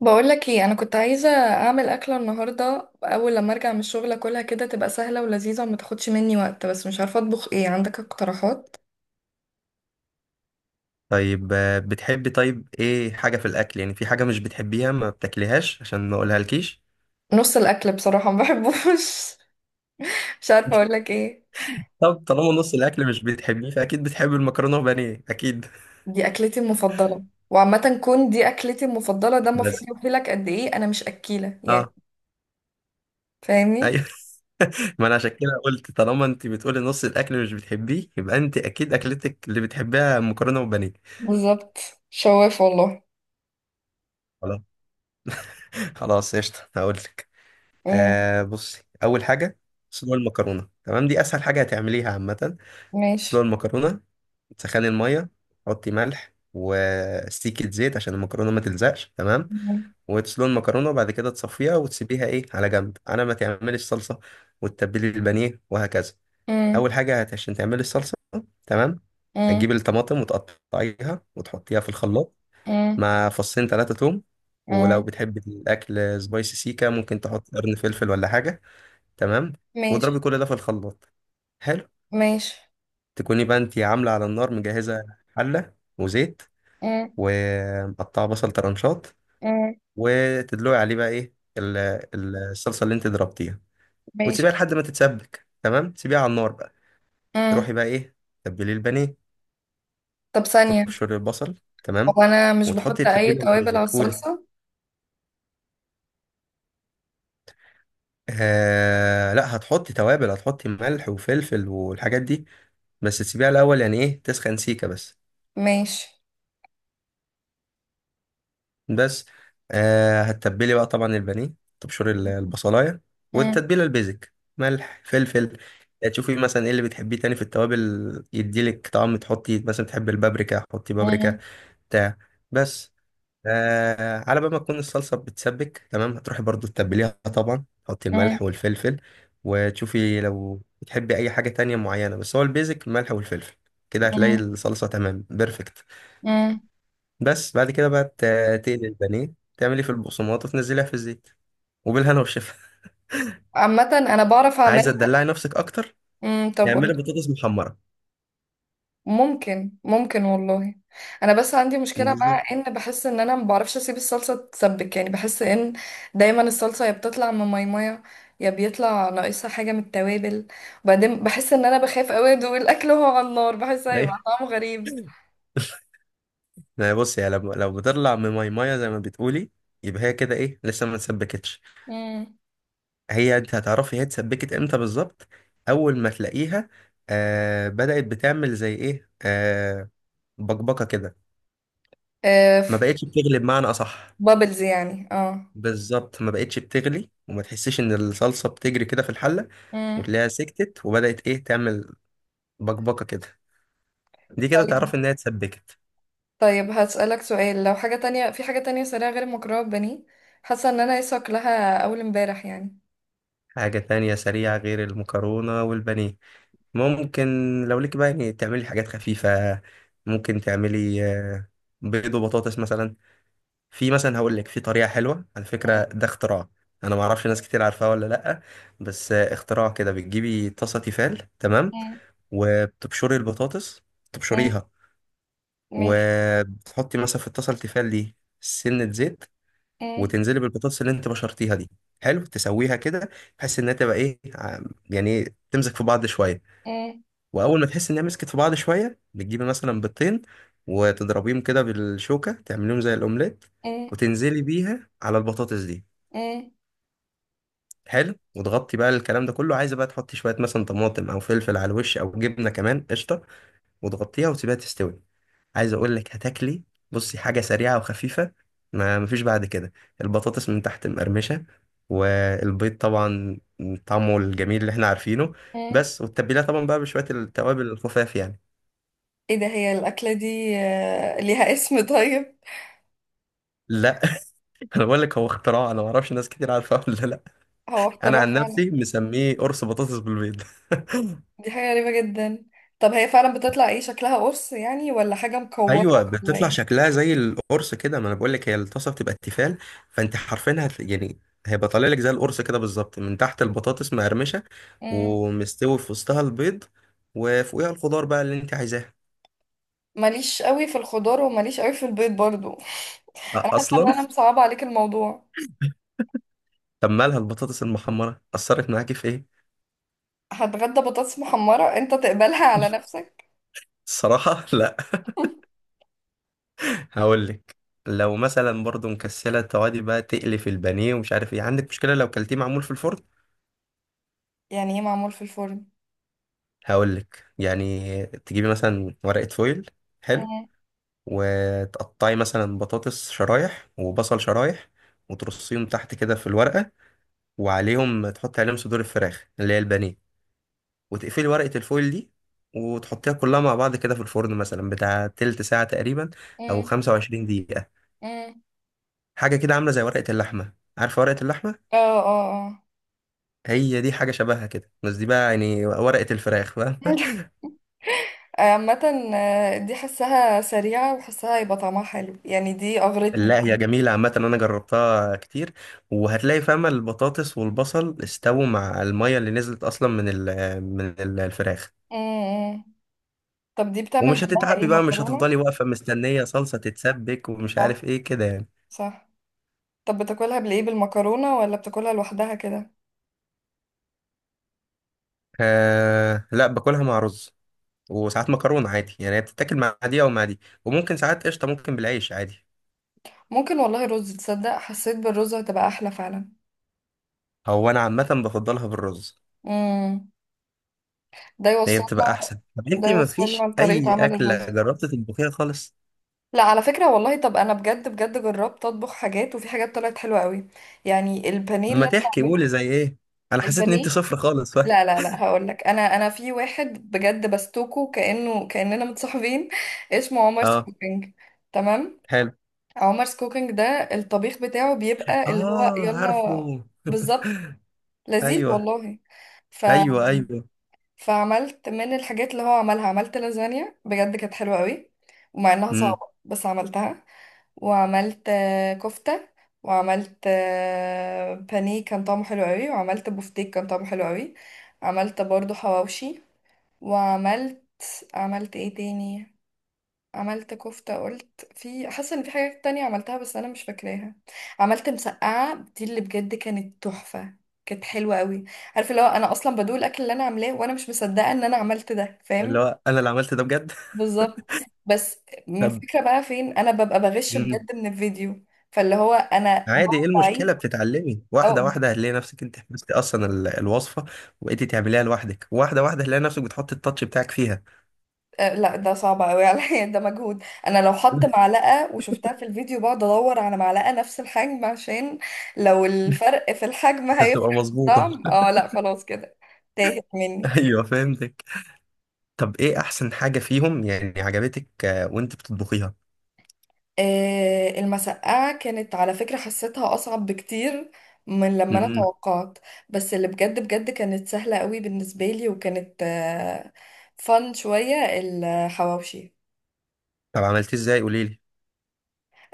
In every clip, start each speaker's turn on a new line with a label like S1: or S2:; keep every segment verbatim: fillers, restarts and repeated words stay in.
S1: بقولك ايه، انا كنت عايزه اعمل اكله النهارده اول لما ارجع من الشغل، اكلها كده تبقى سهله ولذيذه وما تاخدش مني وقت، بس مش عارفه اطبخ ايه، عندك اقتراحات؟
S2: طيب آه، بتحبي طيب ايه حاجة في الأكل يعني في حاجة مش بتحبيها ما بتاكليهاش عشان ما أقولها لكيش.
S1: نص الاكل بصراحه ما بحبوش. مش عارفه اقولك ايه.
S2: طب طالما نص الأكل مش بتحبيه فأكيد بتحبي المكرونة وبانيه أكيد.
S1: دي اكلتي المفضله، وعامه كون دي اكلتي المفضله، ده المفروض
S2: بس
S1: يوحيلك قد ايه انا مش اكيله يعني.
S2: اه.
S1: فاهمني.
S2: أيوه. ما أنا عشان كده قلت طالما أنت بتقولي نص الأكل مش بتحبيه يبقى أنت أكيد أكلتك اللي بتحبيها مكرونة وبانيه.
S1: بالظبط. شواف والله.
S2: خلاص. خلاص قشطة هقولك.
S1: امم.
S2: آه بصي أول حاجة. سلو المكرونة تمام، دي أسهل حاجة هتعمليها عامة. سلو
S1: ماشي.
S2: المكرونة، تسخني الميه، حطي ملح وسيكة زيت عشان المكرونة ما تلزقش تمام،
S1: امم.
S2: وتسلقي المكرونة، وبعد كده تصفيها وتسيبيها ايه على جنب على ما تعملي الصلصة، وتتبلي البانيه وهكذا.
S1: امم.
S2: أول حاجة هت- عشان تعملي الصلصة تمام،
S1: امم.
S2: هتجيبي الطماطم وتقطعيها وتحطيها في الخلاط
S1: امم.
S2: مع فصين ثلاثة توم، ولو
S1: امم،
S2: بتحبي الأكل سبايسي سيكا ممكن تحطي قرن فلفل ولا حاجة تمام،
S1: ماشي.
S2: واضربي كل ده في الخلاط. حلو.
S1: ماشي.
S2: تكوني بقى انتي عاملة على النار مجهزة حلة وزيت
S1: امم.
S2: ومقطعه بصل طرنشات،
S1: امم.
S2: وتدلقي عليه بقى ايه ال- ال- الصلصه اللي انت ضربتيها،
S1: ماشي.
S2: وتسيبيها لحد ما تتسبك تمام، تسيبيها على النار بقى.
S1: مم.
S2: تروحي بقى ايه تبلي البانيه،
S1: طب ثانية.
S2: تبشري البصل تمام،
S1: هو أنا مش
S2: وتحطي
S1: بحط أي
S2: التتبيله اللي
S1: توابل على
S2: بيعجبك. قولي.
S1: الصلصة؟
S2: آه لا، هتحطي توابل، هتحطي ملح وفلفل والحاجات دي، بس تسيبيها الاول يعني ايه تسخن سيكه بس.
S1: ماشي.
S2: بس آه هتتبلي بقى طبعا البانيه، تبشري ال- البصلايه،
S1: مم،
S2: والتتبيله البيزك ملح فلفل، تشوفي مثلا ايه اللي بتحبيه تاني في التوابل يديلك طعم، تحطي مثلا بتحبي البابريكا حطي
S1: مم،
S2: بابريكا بتاع. بس آه على بال ما تكون الصلصه بتسبك تمام، هتروحي برضو تتبليها، طبعا تحطي
S1: مم،
S2: الملح والفلفل، وتشوفي لو بتحبي اي حاجه تانية معينه، بس هو البيزك الملح والفلفل، كده هتلاقي
S1: مم،
S2: الصلصه تمام بيرفكت.
S1: مم.
S2: بس بعد كده بقى ت- تقلي البانيه، تعملي في البقسماط وتنزليها في الزيت، وبالهنا والشفا.
S1: عامة أنا بعرف
S2: عايزه
S1: أعملها.
S2: تدلعي نفسك اكتر،
S1: مم، طب قول.
S2: اعملي بطاطس محمره.
S1: ممكن ممكن والله. أنا بس عندي مشكلة مع
S2: بالظبط.
S1: إن بحس إن أنا ما بعرفش أسيب الصلصة تتسبك، يعني بحس إن دايما الصلصة يا بتطلع من ميمية، يا بيطلع ناقصها حاجة من التوابل. وبعدين بحس إن أنا بخاف أوي أدوق الأكل وهو على النار، بحس هيبقى
S2: ايوه،
S1: طعمه غريب.
S2: ما هي بصي يعني لو لو بتطلع من ماي مايه زي ما بتقولي، يبقى هي كده ايه لسه ما اتسبكتش.
S1: مم.
S2: هي انت هتعرفي هي اتسبكت امتى بالظبط. اول ما تلاقيها آه بدأت بتعمل زي ايه، آه بقبقه كده،
S1: آه،
S2: ما
S1: ف-
S2: بقتش بتغلب معنى اصح.
S1: بابلز يعني اه.
S2: بالظبط، ما بقتش بتغلي وما تحسش ان الصلصه بتجري كده في الحله،
S1: مم.
S2: وتلاقيها سكتت وبدات ايه تعمل بقبقه كده، دي كده
S1: طيب.
S2: تعرف انها اتسبكت.
S1: طيب هسألك سؤال، لو حاجة تانية، في حاجة تانية سريعة غير المكرونة ببانيه؟ حاسة ان انا لسه واكلاها اول امبارح يعني.
S2: حاجه تانية سريعه غير المكرونه والبانيه، ممكن. لو ليك بقى يعني تعملي حاجات خفيفه، ممكن تعملي آه، بيض وبطاطس مثلا. في مثلا هقول لك في طريقه حلوه على فكره،
S1: مم،
S2: ده اختراع. انا ما اعرفش ناس كتير عارفاه ولا لا، بس آه، اختراع كده. بتجيبي طاسه تيفال تمام،
S1: مم،
S2: وبتبشري البطاطس،
S1: مم.
S2: تبشريها،
S1: ماشي.
S2: وتحطي مثلا في الطاسه التيفال دي سنه زيت،
S1: مم،
S2: وتنزلي بالبطاطس اللي انت بشرتيها دي، حلو، تسويها كده بحيث انها تبقى ايه ع- يعني إيه، تمسك في بعض شويه.
S1: مم،
S2: واول ما تحس انها مسكت في بعض شويه، بتجيبي مثلا بيضتين وتضربيهم كده بالشوكه تعمليهم زي الاومليت،
S1: مم،
S2: وتنزلي بيها على البطاطس دي.
S1: مم،
S2: حلو، وتغطي بقى الكلام ده كله، عايزه بقى تحطي شويه مثلا طماطم او فلفل على الوش او جبنه كمان قشطه، وتغطيها وتسيبها تستوي. عايز اقول لك هتاكلي، بصي حاجه سريعه وخفيفه، ما مفيش بعد كده. البطاطس من تحت مقرمشه، والبيض طبعا طعمه الجميل اللي احنا عارفينه،
S1: مم.
S2: بس. والتتبيله طبعا بقى بشويه التوابل الخفاف يعني.
S1: ايه ده؟ هي الأكلة دي آه، ليها اسم طيب؟
S2: لا. انا بقول لك هو اختراع، انا ما اعرفش ناس كتير عارفاه ولا لا.
S1: هو
S2: انا
S1: اختراع
S2: عن
S1: فعلا.
S2: نفسي مسميه قرص بطاطس بالبيض.
S1: دي حاجة غريبة جدا. طب هي فعلا بتطلع ايه، شكلها قرص يعني ولا حاجة مكورة؟
S2: ايوه
S1: ولا
S2: بتطلع
S1: ايه؟
S2: شكلها زي القرص كده، ما انا بقول لك هي الطاسه بتبقى التيفال، فانت حرفيا هت... يعني هيبقى طالع لك زي القرص كده بالظبط، من تحت البطاطس مقرمشه،
S1: مم.
S2: ومستوي في وسطها البيض، وفوقيها الخضار بقى اللي انت عايزاه.
S1: ماليش قوي في الخضار وماليش قوي في البيض برضو.
S2: أ-
S1: انا حاسة ان
S2: اصلا.
S1: انا مصعبة عليك الموضوع.
S2: طب مالها البطاطس المحمره اثرت معاكي في ايه؟
S1: هتغدى بطاطس محمرة انت تقبلها على نفسك؟
S2: الصراحه لا. هقول لك، لو مثلا برضو مكسله التوابل بقى تقلي في البانيه ومش عارف ايه، عندك مشكله لو كلتيه معمول في الفرن؟
S1: يعني ايه معمول في الفرن؟
S2: هقول لك يعني تجيبي مثلا ورقه فويل، حلو،
S1: مم.
S2: وتقطعي مثلا بطاطس شرايح وبصل شرايح، وترصيهم تحت كده في الورقة، وعليهم تحطي عليهم صدور الفراخ اللي هي البانيه، وتقفلي ورقة الفويل دي، وتحطيها كلها مع بعض كده في الفرن مثلا بتاع تلت ساعة تقريبا، أو
S1: مم.
S2: خمسة وعشرين دقيقة،
S1: مم.
S2: حاجة كده عاملة زي ورقة اللحمة. عارفة ورقة اللحمة؟
S1: اه، اه، اه.
S2: هي دي حاجة شبهها كده، بس دي بقى يعني ورقة الفراخ بقى.
S1: عامة، آه، دي حسها سريعة وحسها يبقى طعمها حلو يعني، دي أغرتني.
S2: لا هي جميلة، عامة أنا جربتها كتير، وهتلاقي فاهمة البطاطس والبصل استووا مع المية اللي نزلت أصلا من ال من ال- الفراخ،
S1: مم. مم. طب دي بتعمل
S2: ومش
S1: جنبها ايه،
S2: هتتعبي بقى، مش
S1: مكرونة؟
S2: هتفضلي واقفة مستنية صلصة تتسبك ومش عارف
S1: صح،
S2: إيه كده يعني.
S1: صح. طب بتاكلها بالايه، بالمكرونة ولا بتاكلها لوحدها كده؟
S2: آه لا باكلها مع رز، وساعات مكرونة عادي يعني، هي بتتاكل مع دي أو مع دي، وممكن ساعات قشطة ممكن بالعيش عادي.
S1: ممكن والله، رز، تصدق حسيت بالرز هتبقى أحلى فعلا.
S2: هو أنا عامة بفضلها بالرز.
S1: مم. ده
S2: هي
S1: يوصلنا.
S2: بتبقى أحسن. طب
S1: ده
S2: أنتي
S1: يوصلنا
S2: مفيش
S1: لطريقة
S2: أي
S1: عمل
S2: أكلة
S1: الرز.
S2: جربت تطبخيها خالص؟
S1: لا، على فكرة والله، طب انا بجد بجد جربت اطبخ حاجات، وفي حاجات طلعت حلوة قوي. يعني البانيه اللي
S2: لما
S1: انا
S2: تحكي
S1: بعمله.
S2: قولي زي إيه؟ انا حسيت ان
S1: البانيه.
S2: انت صفر خالص.
S1: لا لا لا، هقول لك، انا انا في واحد بجد بستوكه كأنه كأننا متصاحبين اسمه عمر
S2: اه.
S1: كوكينج. تمام.
S2: حلو.
S1: عمر كوكينج ده، الطبيخ بتاعه بيبقى اللي هو
S2: اه
S1: يلا.
S2: عارفه.
S1: بالظبط. لذيذ
S2: ايوه.
S1: والله. ف...
S2: ايوه ايوه.
S1: فعملت من الحاجات اللي هو عملها، عملت لازانيا بجد كانت حلوة قوي. ومع انها
S2: امم.
S1: صعبة بس عملتها. وعملت آه، كفتة. وعملت آه، بانيه كان طعمه حلو قوي، وعملت بوفتيك كان طعمه حلو قوي. عملت برضو حواوشي. وعملت. عملت ايه تاني؟ عملت كفتة قلت في، حاسة ان في حاجات تانية عملتها بس انا مش فاكراها. عملت مسقعة، دي اللي بجد كانت تحفة. كانت حلوة قوي. عارفه اللي هو انا اصلا بدوق الاكل اللي انا عاملاه وانا مش مصدقة ان انا عملت ده،
S2: اللي
S1: فاهم؟
S2: هو انا اللي عملت ده بجد.
S1: بالظبط. بس.
S2: طب.
S1: الفكرة بقى فين، انا ببقى بغش
S2: امم.
S1: بجد من الفيديو. فاللي هو انا
S2: عادي، ايه
S1: بقعد
S2: المشكله؟
S1: اعيد.
S2: بتتعلمي واحده
S1: اه.
S2: واحده هتلاقي نفسك انت حفظتي اصلا ال- الوصفه، وبقيتي تعمليها لوحدك، واحده واحده هتلاقي نفسك بتحطي التاتش بتاعك فيها.
S1: آه، لا ده صعب قوي عليا، ده مجهود، انا لو حط معلقة وشفتها في الفيديو بقعد ادور على معلقة نفس الحجم، عشان لو الفرق في الحجم
S2: عشان تبقى
S1: هيفرق في
S2: مظبوطه.
S1: الطعم، اه لا خلاص كده. تاهت مني.
S2: ايوه فهمتك. طب ايه احسن حاجه فيهم يعني عجبتك آه، وانت بتطبخيها؟
S1: آه، المسقعة كانت على فكرة حسيتها أصعب بكتير من لما أنا
S2: امم.
S1: توقعت. بس اللي بجد بجد كانت سهلة قوي بالنسبة لي، وكانت فن شوية الحواوشي.
S2: طب عملتيه ازاي؟ قولي لي.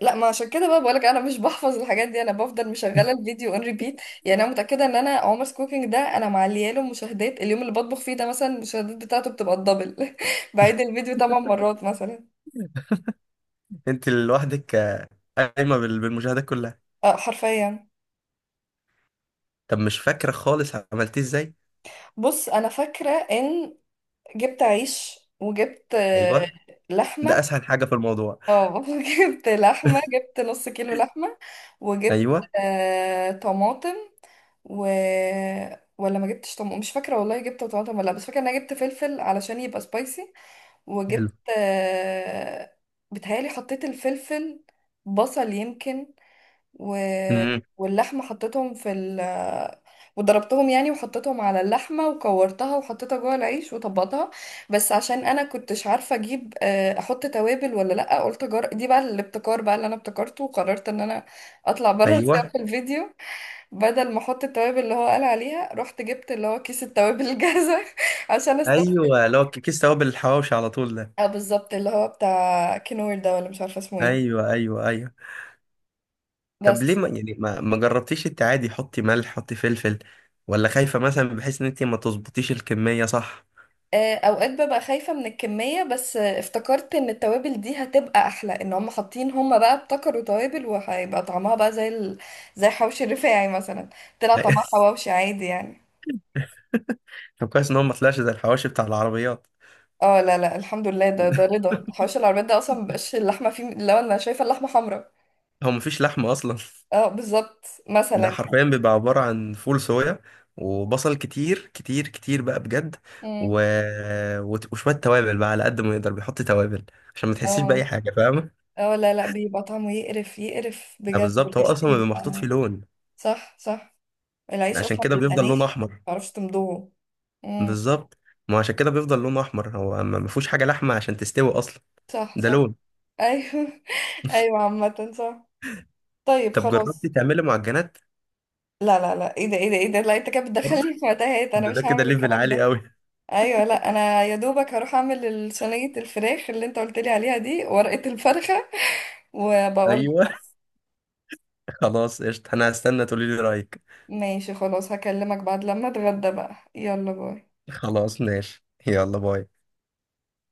S1: لا، ما عشان كده بقى بقولك انا مش بحفظ الحاجات دي، انا بفضل مشغله الفيديو اون ريبيت، يعني انا متاكده ان انا عمر's كوكينج ده انا معليه له مشاهدات اليوم اللي بطبخ فيه، ده مثلا المشاهدات بتاعته بتبقى الدبل، بعيد الفيديو ثمان مرات مثلا.
S2: انت لوحدك آه، قايمه بال- بالمشاهدات كلها.
S1: اه حرفيا.
S2: طب مش فاكره خالص عملتيه ازاي؟
S1: بص انا فاكره ان جبت عيش، وجبت آه،
S2: ايوه ده
S1: لحمة.
S2: اسهل حاجه في الموضوع.
S1: اه، جبت لحمة، جبت نص كيلو لحمة، وجبت
S2: ايوه.
S1: آه، طماطم، و ولا ما جبتش طماطم، مش فاكرة والله، جبت طماطم ولا لا، بس فاكرة ان انا جبت فلفل علشان يبقى سبايسي،
S2: حلو.
S1: وجبت آه، بتهيألي حطيت الفلفل. بصل يمكن. و...
S2: امم.
S1: واللحمة حطيتهم في ال وضربتهم يعني، وحطيتهم على اللحمة وكورتها وحطيتها جوه العيش وطبقتها. بس عشان انا كنتش عارفة اجيب، آه، احط توابل ولا لا، قلت جر... دي بقى الابتكار بقى اللي انا ابتكرته، وقررت ان انا اطلع بره
S2: ايوه.
S1: السياق الفيديو. بدل ما احط التوابل اللي هو قال عليها، رحت جبت اللي هو كيس التوابل الجاهزة عشان استسهل.
S2: ايوه لو ك- كيس توابل الحواوشي على طول ده.
S1: اه بالظبط، اللي هو بتاع كنور ده، ولا مش عارفة اسمه ايه.
S2: ايوه ايوه ايوه. طب ليه
S1: بس.
S2: ما يعني ما, ما جربتيش انت عادي حطي ملح حطي فلفل، ولا خايفه مثلا بحيث ان انت ما تظبطيش الكميه صح؟
S1: آه، اوقات ببقى خايفة من الكمية، بس آه، افتكرت ان التوابل دي هتبقى احلى، ان هم حاطين، هم بقى ابتكروا توابل، وهيبقى طعمها بقى زي ال... زي حوش الرفاعي مثلا. طلع طعمها حواوشي عادي يعني.
S2: طب كويس ان هو ما طلعش زي الحواوشي بتاع العربيات.
S1: اه لا لا الحمد لله، ده ده رضا حوش العربيات، ده اصلا مبقاش اللحمة فيه، لو انا شايفة اللحمة حمراء.
S2: هو مفيش لحمه اصلا.
S1: اه بالظبط مثلا
S2: ده
S1: يعني.
S2: حرفيا بيبقى عبارة عن فول صويا، وبصل كتير كتير كتير بقى بجد،
S1: مم.
S2: و... وت- وشوية توابل بقى على قد ما يقدر بيحط توابل، عشان ما تحسيش بأي
S1: اه
S2: حاجة فاهمة؟
S1: اه، لا لا بيبقى طعمه يقرف يقرف
S2: ده
S1: بجد،
S2: بالظبط، هو
S1: والعيش
S2: أصلا بيبقى محطوط فيه
S1: بيبقى.
S2: لون،
S1: صح صح. العيش
S2: عشان
S1: اصلا
S2: كده
S1: بيبقى
S2: بيفضل لونه
S1: ناشف،
S2: أحمر.
S1: متعرفش تمضغه. مم.
S2: بالظبط. ما هو عشان كده بيفضل لونه أحمر، هو ما ما فيهوش حاجة لحمة عشان تستوي أصلا.
S1: صح
S2: ده
S1: صح.
S2: لون.
S1: ايوه، ايوه عامة صح. طيب
S2: طب جربتي
S1: خلاص.
S2: تعملي معجنات؟
S1: لا لا لا، ايه ده، ايه ده، ايه ده، لا انت كده
S2: برضه.
S1: بتدخلني في متاهات، انا
S2: ده ده
S1: مش
S2: كده
S1: هعمل
S2: ليفل
S1: الكلام
S2: عالي
S1: ده.
S2: قوي.
S1: ايوه، لا انا يا دوبك هروح اعمل ال- صينية الفراخ اللي انت قلت لي عليها دي، ورقة الفرخة، وبقول
S2: أيوه.
S1: لك.
S2: خلاص قشطة، أنا هستنى تقولي لي رأيك.
S1: ماشي خلاص، هكلمك بعد لما اتغدى بقى، يلا باي.
S2: خلاص ماشي، يلا باي.